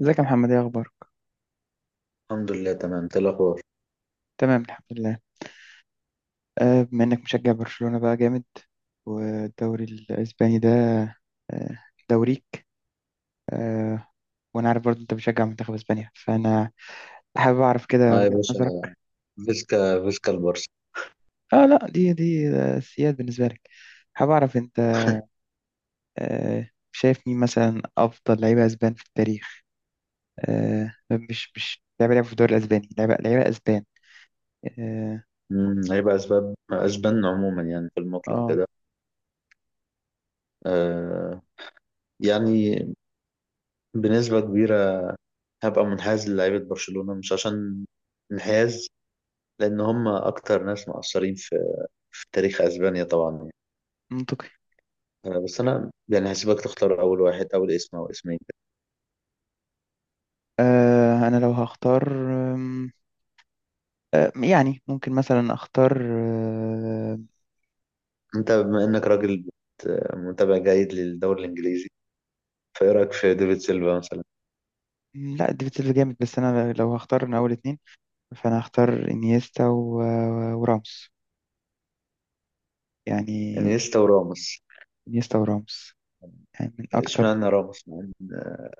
ازيك يا محمد، ايه اخبارك؟ الحمد لله تمام. إنت إيه الاخبار؟ تمام الحمد لله. بما انك مشجع برشلونة بقى جامد والدوري الاسباني ده، آه، دوريك، آه، وانا عارف برضه انت بتشجع منتخب اسبانيا، فانا حابب اعرف كده اه يا وجهة باشا، نظرك. فيسكا فيسكا البارسا. اه لا، دي سياد بالنسبة لك. حابب اعرف انت شايف مين مثلا افضل لعيبة اسبان في التاريخ. مش لعيبة لعبوا في الدوري الاسباني، لعيبة اسبان. اه. هيبقى اسباب اسبان عموما، يعني في المطلق آه، كده. آه يعني بنسبه كبيره هبقى منحاز للعيبه برشلونه، مش عشان انحياز، لان هم اكتر ناس مؤثرين في تاريخ اسبانيا طبعا يعني. منطقي. آه بس انا يعني هسيبك تختار اول واحد، اول اسم او اسمين كده. انا لو هختار، يعني ممكن مثلا اختار انت بما انك راجل بت- متابع جيد للدوري الانجليزي، فايه رايك في ديفيد سيلفا مثلا؟ لا ديفيد سيلفا جامد، بس انا لو هختار من اول اتنين فانا هختار انيستا وراموس يعني. انيستا وراموس؟ انيستا وراموس، يعني من اكتر. اشمعنى راموس، مع إن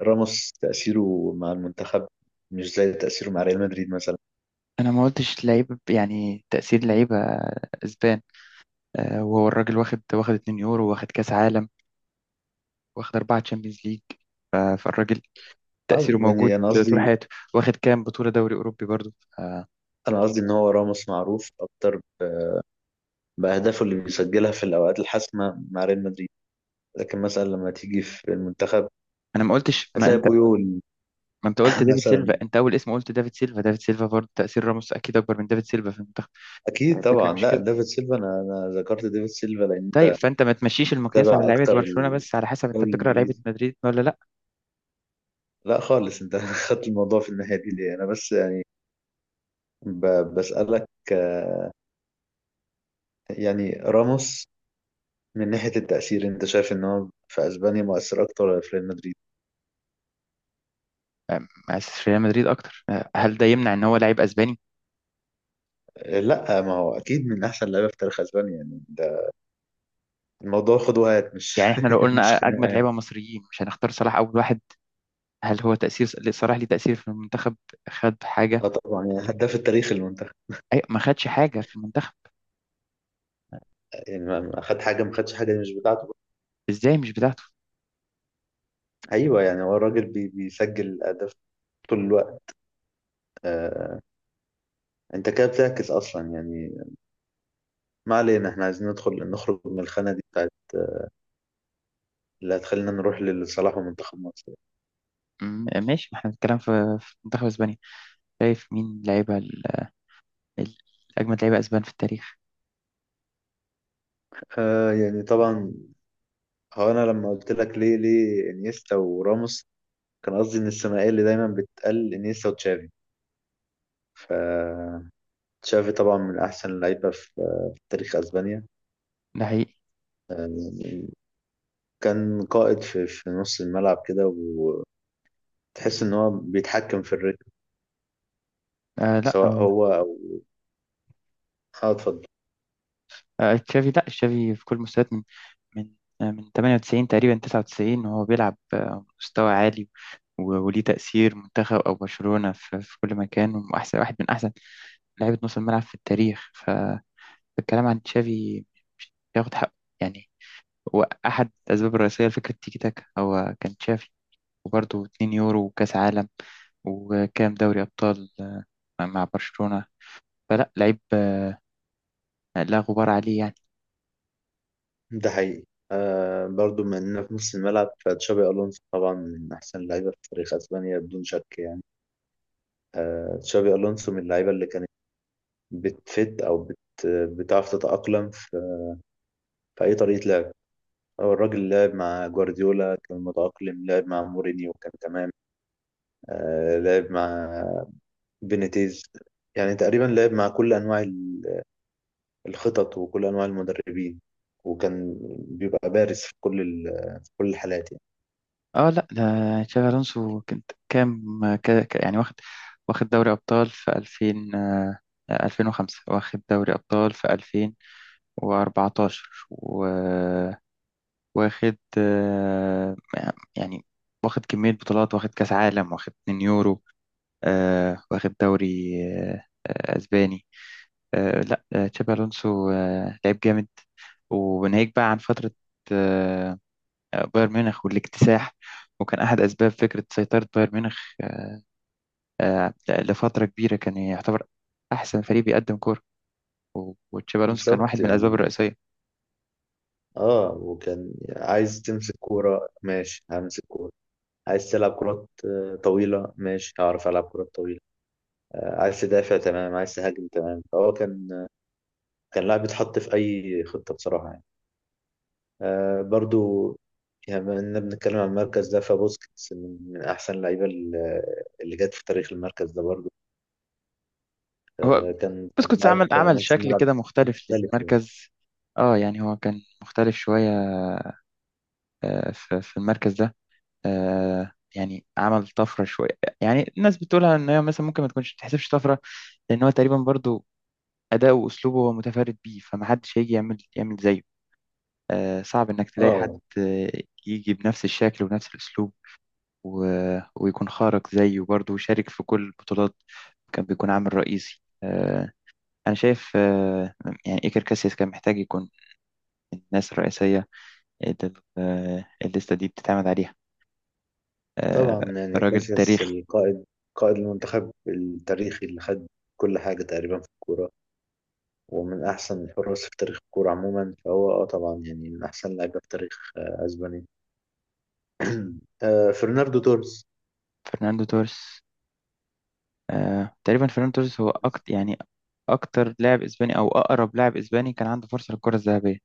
راموس تأثيره مع المنتخب مش زي تأثيره مع ريال مدريد مثلا. انا ما قلتش لعيبه، يعني تاثير لعيبه اسبان. وهو الراجل واخد 2 يورو، واخد كاس عالم، واخد اربعه تشامبيونز ليج. فالراجل آه، تاثيره موجود يعني أنا طول قصدي حياته. واخد كام بطوله دوري اوروبي برضو. آه، أنا قصدي إن هو راموس معروف أكتر بأهدافه اللي بيسجلها في الأوقات الحاسمة مع ريال مدريد، لكن مثلا لما تيجي في المنتخب انا ما قلتش ما هتلاقي بويول. ما انت قلت دافيد مثلا سيلفا. انت اول اسم قلت دافيد سيلفا برضه، تأثير راموس اكيد اكبر من دافيد سيلفا في المنتخب. يعني أكيد الفكرة طبعا. مش لا كده. ديفيد سيلفا، أنا ذكرت ديفيد سيلفا لأن طيب أنت فانت ما تمشيش المقياس على تابع لعيبة أكتر برشلونة بس، على حسب انت الدوري بتكره لعيبة الإنجليزي. مدريد ولا لا؟ لا خالص، أنت خدت الموضوع في الناحية دي ليه؟ أنا بس يعني بسألك، آه، يعني راموس من ناحية التأثير، أنت شايف إن هو في أسبانيا مؤثر أكتر ولا في ريال مدريد؟ مؤسس ريال مدريد اكتر، هل ده يمنع ان هو لعيب اسباني؟ آه، لا ما هو أكيد من أحسن لعيبة في تاريخ أسبانيا يعني. ده الموضوع خد وهات، مش يعني احنا لو مش قلنا خناقة اجمد يعني. لعيبة مصريين، مش هنختار صلاح اول واحد؟ هل هو تأثير صلاح ليه تأثير في المنتخب؟ خد حاجة؟ أه طبعا يعني هداف التاريخ المنتخب. اي ما خدش حاجة في المنتخب. يعني ما خدش حاجة مش بتاعته. ازاي مش بتاعته. أيوه يعني هو الراجل بيسجل أهداف طول الوقت. آه، أنت كده بتعكس أصلا يعني. ما علينا، إحنا عايزين ندخل نخرج من الخانة دي بتاعت اللي هتخلينا نروح لصلاح ومنتخب مصر. ماشي، ما احنا بنتكلم في منتخب اسبانيا. شايف مين لعيبة ال- اجمد لعيبة اسبان في التاريخ. آه يعني طبعا، هو انا لما قلت لك ليه انيستا وراموس، كان قصدي ان الثنائيه اللي دايما بتقل انيستا وتشافي. ف تشافي طبعا من احسن اللعيبه في تاريخ اسبانيا ده حقيقي. يعني. كان قائد في نص الملعب كده، وتحس ان هو بيتحكم في الريتم، آه لا سواء او. هو او، اه اتفضل. آه تشافي، لا تشافي في كل المستويات، من آه من 98 تقريبا، 99 وهو بيلعب آه مستوى عالي، وليه تأثير منتخب أو برشلونة في كل مكان، وأحسن واحد من أحسن لعيبة نص الملعب في التاريخ. فالكلام عن تشافي ياخد حقه يعني. هو أحد الأسباب الرئيسية لفكرة تيكي تاكا هو كان تشافي. وبرضه 2 يورو وكأس عالم، وكام دوري أبطال مع برشلونة. فلا لعيب لا غبار عليه يعني. ده حقيقي. آه برضو من إننا في نص الملعب، فتشابي ألونسو طبعا من أحسن اللعيبة في تاريخ أسبانيا بدون شك يعني. آه تشابي ألونسو من اللعيبة اللي كانت بتفت أو بت بتعرف تتأقلم في أي طريقة لعب. هو الراجل لعب مع جوارديولا كان متأقلم، لعب مع مورينيو كان تمام، آه لعب مع بينيتيز، يعني تقريبا لعب مع كل أنواع الخطط وكل أنواع المدربين، وكان بيبقى بارز في كل في كل الحالات يعني. اه لا، ده تشافي الونسو. كنت كام يعني واخد، دوري ابطال في 2000، 2005 واخد دوري ابطال في 2014، وواخد آه، يعني واخد كمية بطولات، واخد كاس عالم، واخد 2 يورو، واخد دوري اسباني. لا تشابي الونسو لعيب جامد. وناهيك بقى عن فترة آه، بايرن ميونخ والاكتساح، وكان أحد أسباب فكرة سيطرة بايرن ميونخ لفترة كبيرة. كان يعتبر أحسن فريق بيقدم كورة، وتشابي ألونسو كان واحد بالظبط من الأسباب يعني. الرئيسية. اه وكان عايز تمسك كورة ماشي، همسك كورة، عايز تلعب كرات طويلة، ماشي هعرف ألعب كرات طويلة، عايز تدافع تمام، عايز تهاجم تمام، فهو كان كان لاعب بيتحط في أي خطة بصراحة يعني. آه برضو يعني بما إننا بنتكلم عن المركز ده، فبوسكيتس من أحسن اللعيبة اللي جت في تاريخ المركز ده برضو. هو آه كان بس كان كنت عمل لاعب عمل نص شكل ملعب كده مختلف مختلف يعني. للمركز. اه يعني هو كان مختلف شوية، في المركز ده. يعني عمل طفرة شوية. يعني الناس بتقولها ان هي مثلا ممكن ما تكونش تحسبش طفرة، لان هو تقريبا برضو أداؤه وأسلوبه هو متفرد بيه. فمحدش هيجي يعمل زيه. صعب إنك تلاقي حد اه يجي بنفس الشكل ونفس الأسلوب ويكون خارق زيه برضه. وشارك في كل البطولات، كان بيكون عامل رئيسي. أنا شايف يعني إيكر كاسياس كان محتاج يكون من الناس الرئيسية اللي الليستة دي بتتعمد عليها. آه، طبعا يعني راجل كاسياس تاريخي. القائد، قائد المنتخب التاريخي اللي خد كل حاجة تقريبا في الكورة، ومن أحسن الحراس في تاريخ الكورة عموما، فهو اه طبعا يعني من أحسن لعيبة في تاريخ آه أسبانيا. آه فرناردو توريس. فرناندو توريس. تقريبا فرناندو توريس هو أكتر، يعني أكتر لاعب إسباني، أو أقرب لاعب إسباني كان عنده فرصة للكرة الذهبية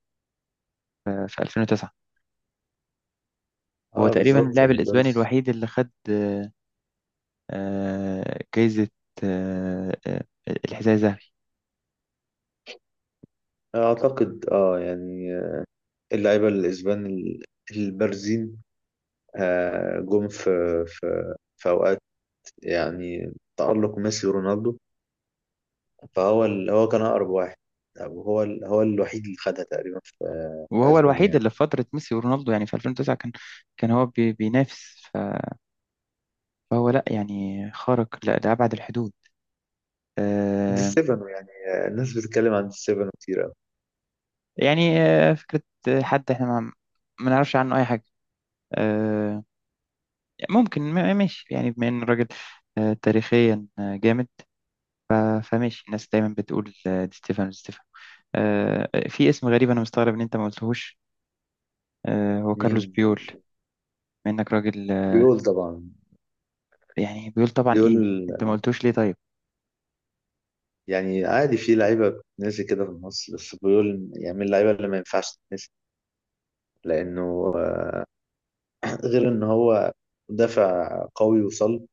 في 2009. هو اه تقريبا بالظبط اللاعب يعني الإسباني تونس. الوحيد اللي خد جايزة آه، آه، الحذاء الذهبي. اعتقد اه يعني اللعيبة الإسبان البارزين جم في في أوقات يعني تألق ميسي ورونالدو، فهو هو كان أقرب واحد، أو هو هو الوحيد اللي خدها تقريبا في وهو أسبانيا الوحيد يعني. اللي في فترة ميسي ورونالدو، يعني في 2009، كان هو بينافس، فهو لا يعني خارق لأبعد الحدود. دي آه، ستيفانو يعني، الناس بتتكلم عن دي ستيفانو كتير أوي. يعني فكرة حد احنا ما نعرفش عنه أي حاجة. آه، ممكن ماشي يعني، بما إن الراجل تاريخيا جامد. فماشي الناس دايما بتقول دي ستيفانو. في اسم غريب أنا مستغرب إن أنت ما قلتهوش، هو مين؟ كارلوس بيول. بما إنك راجل، بيقول طبعا. يعني بيقول طبعا بيقول ايه انت ما قلتوش ليه طيب. يعني عادي في لعيبة بتنسي كده في مصر، بس بيقول يعني من اللعيبة اللي ما ينفعش تتنسي، لأنه آه، غير إن هو مدافع قوي وصلب،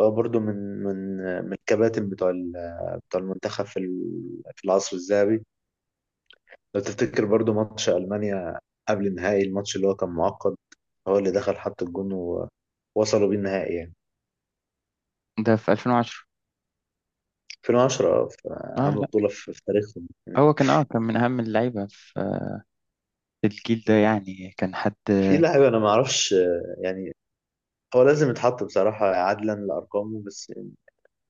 هو برضه من من الكباتن بتوع بتوع المنتخب في العصر الذهبي. لو تفتكر برضه ماتش ألمانيا قبل النهائي، الماتش اللي هو كان معقد، هو اللي دخل حط الجون ووصلوا بيه النهائي يعني. ده في 2010. 2010 في اه أهم لا، بطولة في تاريخهم. هو كان كان من اهم اللعيبه في الجيل ده يعني. كان حد، في لاعب أنا ما أعرفش يعني هو لازم يتحط بصراحة عدلا لأرقامه، بس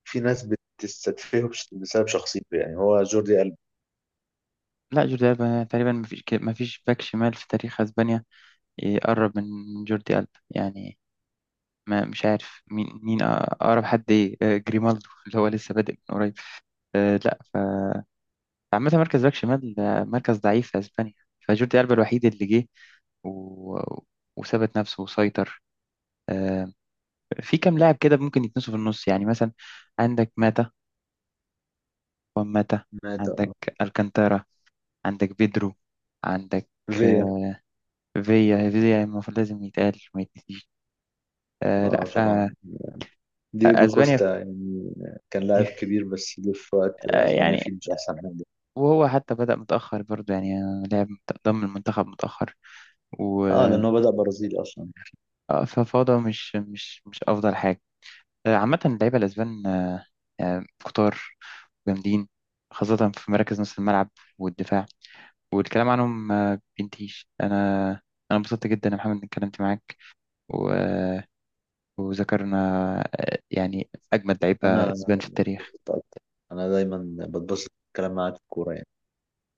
في ناس بتستدفيه بسبب شخصيته، يعني هو جوردي ألب. لا جوردي ألبا تقريبا. ما فيش باك شمال في تاريخ اسبانيا يقرب من جوردي ألبا يعني. ما مش عارف مين اقرب حد، ايه جريمالدو اللي هو لسه بادئ من قريب. لا. فعامة مركز باك شمال مركز ضعيف في اسبانيا. فجوردي ألبا الوحيد اللي جه و... وثبت نفسه وسيطر. آه، في كام لاعب كده ممكن يتنسوا في النص، يعني مثلا عندك ماتا، وان ماتا، مات عندك اه. الكانتارا، عندك بيدرو، عندك فيا، آه، فيا. فيا المفروض لازم يتقال، ما يتنسيش. آه لا، اه ف طبعا. دييجو اسبانيا كوستا يعني كان لاعب فيه- كبير، بس جه في وقت آه اسبانيا فيه يعني. مش احسن حاجه. وهو حتى بدأ متأخر برضه يعني، لعب ضم المنتخب متأخر و اه لان هو بدأ برازيلي اصلا. ففوضى مش أفضل حاجة. عامة اللعيبة الأسبان كتار جامدين، خاصة في مراكز نص الملعب والدفاع. والكلام عنهم ما بينتهيش. انا، انبسطت جدا يا محمد اني اتكلمت معاك و... وذكرنا يعني اجمد لعيبه انا اسبان في التاريخ. بتبسط اكتر، انا دايما بتبسط الكلام معاك في الكوره.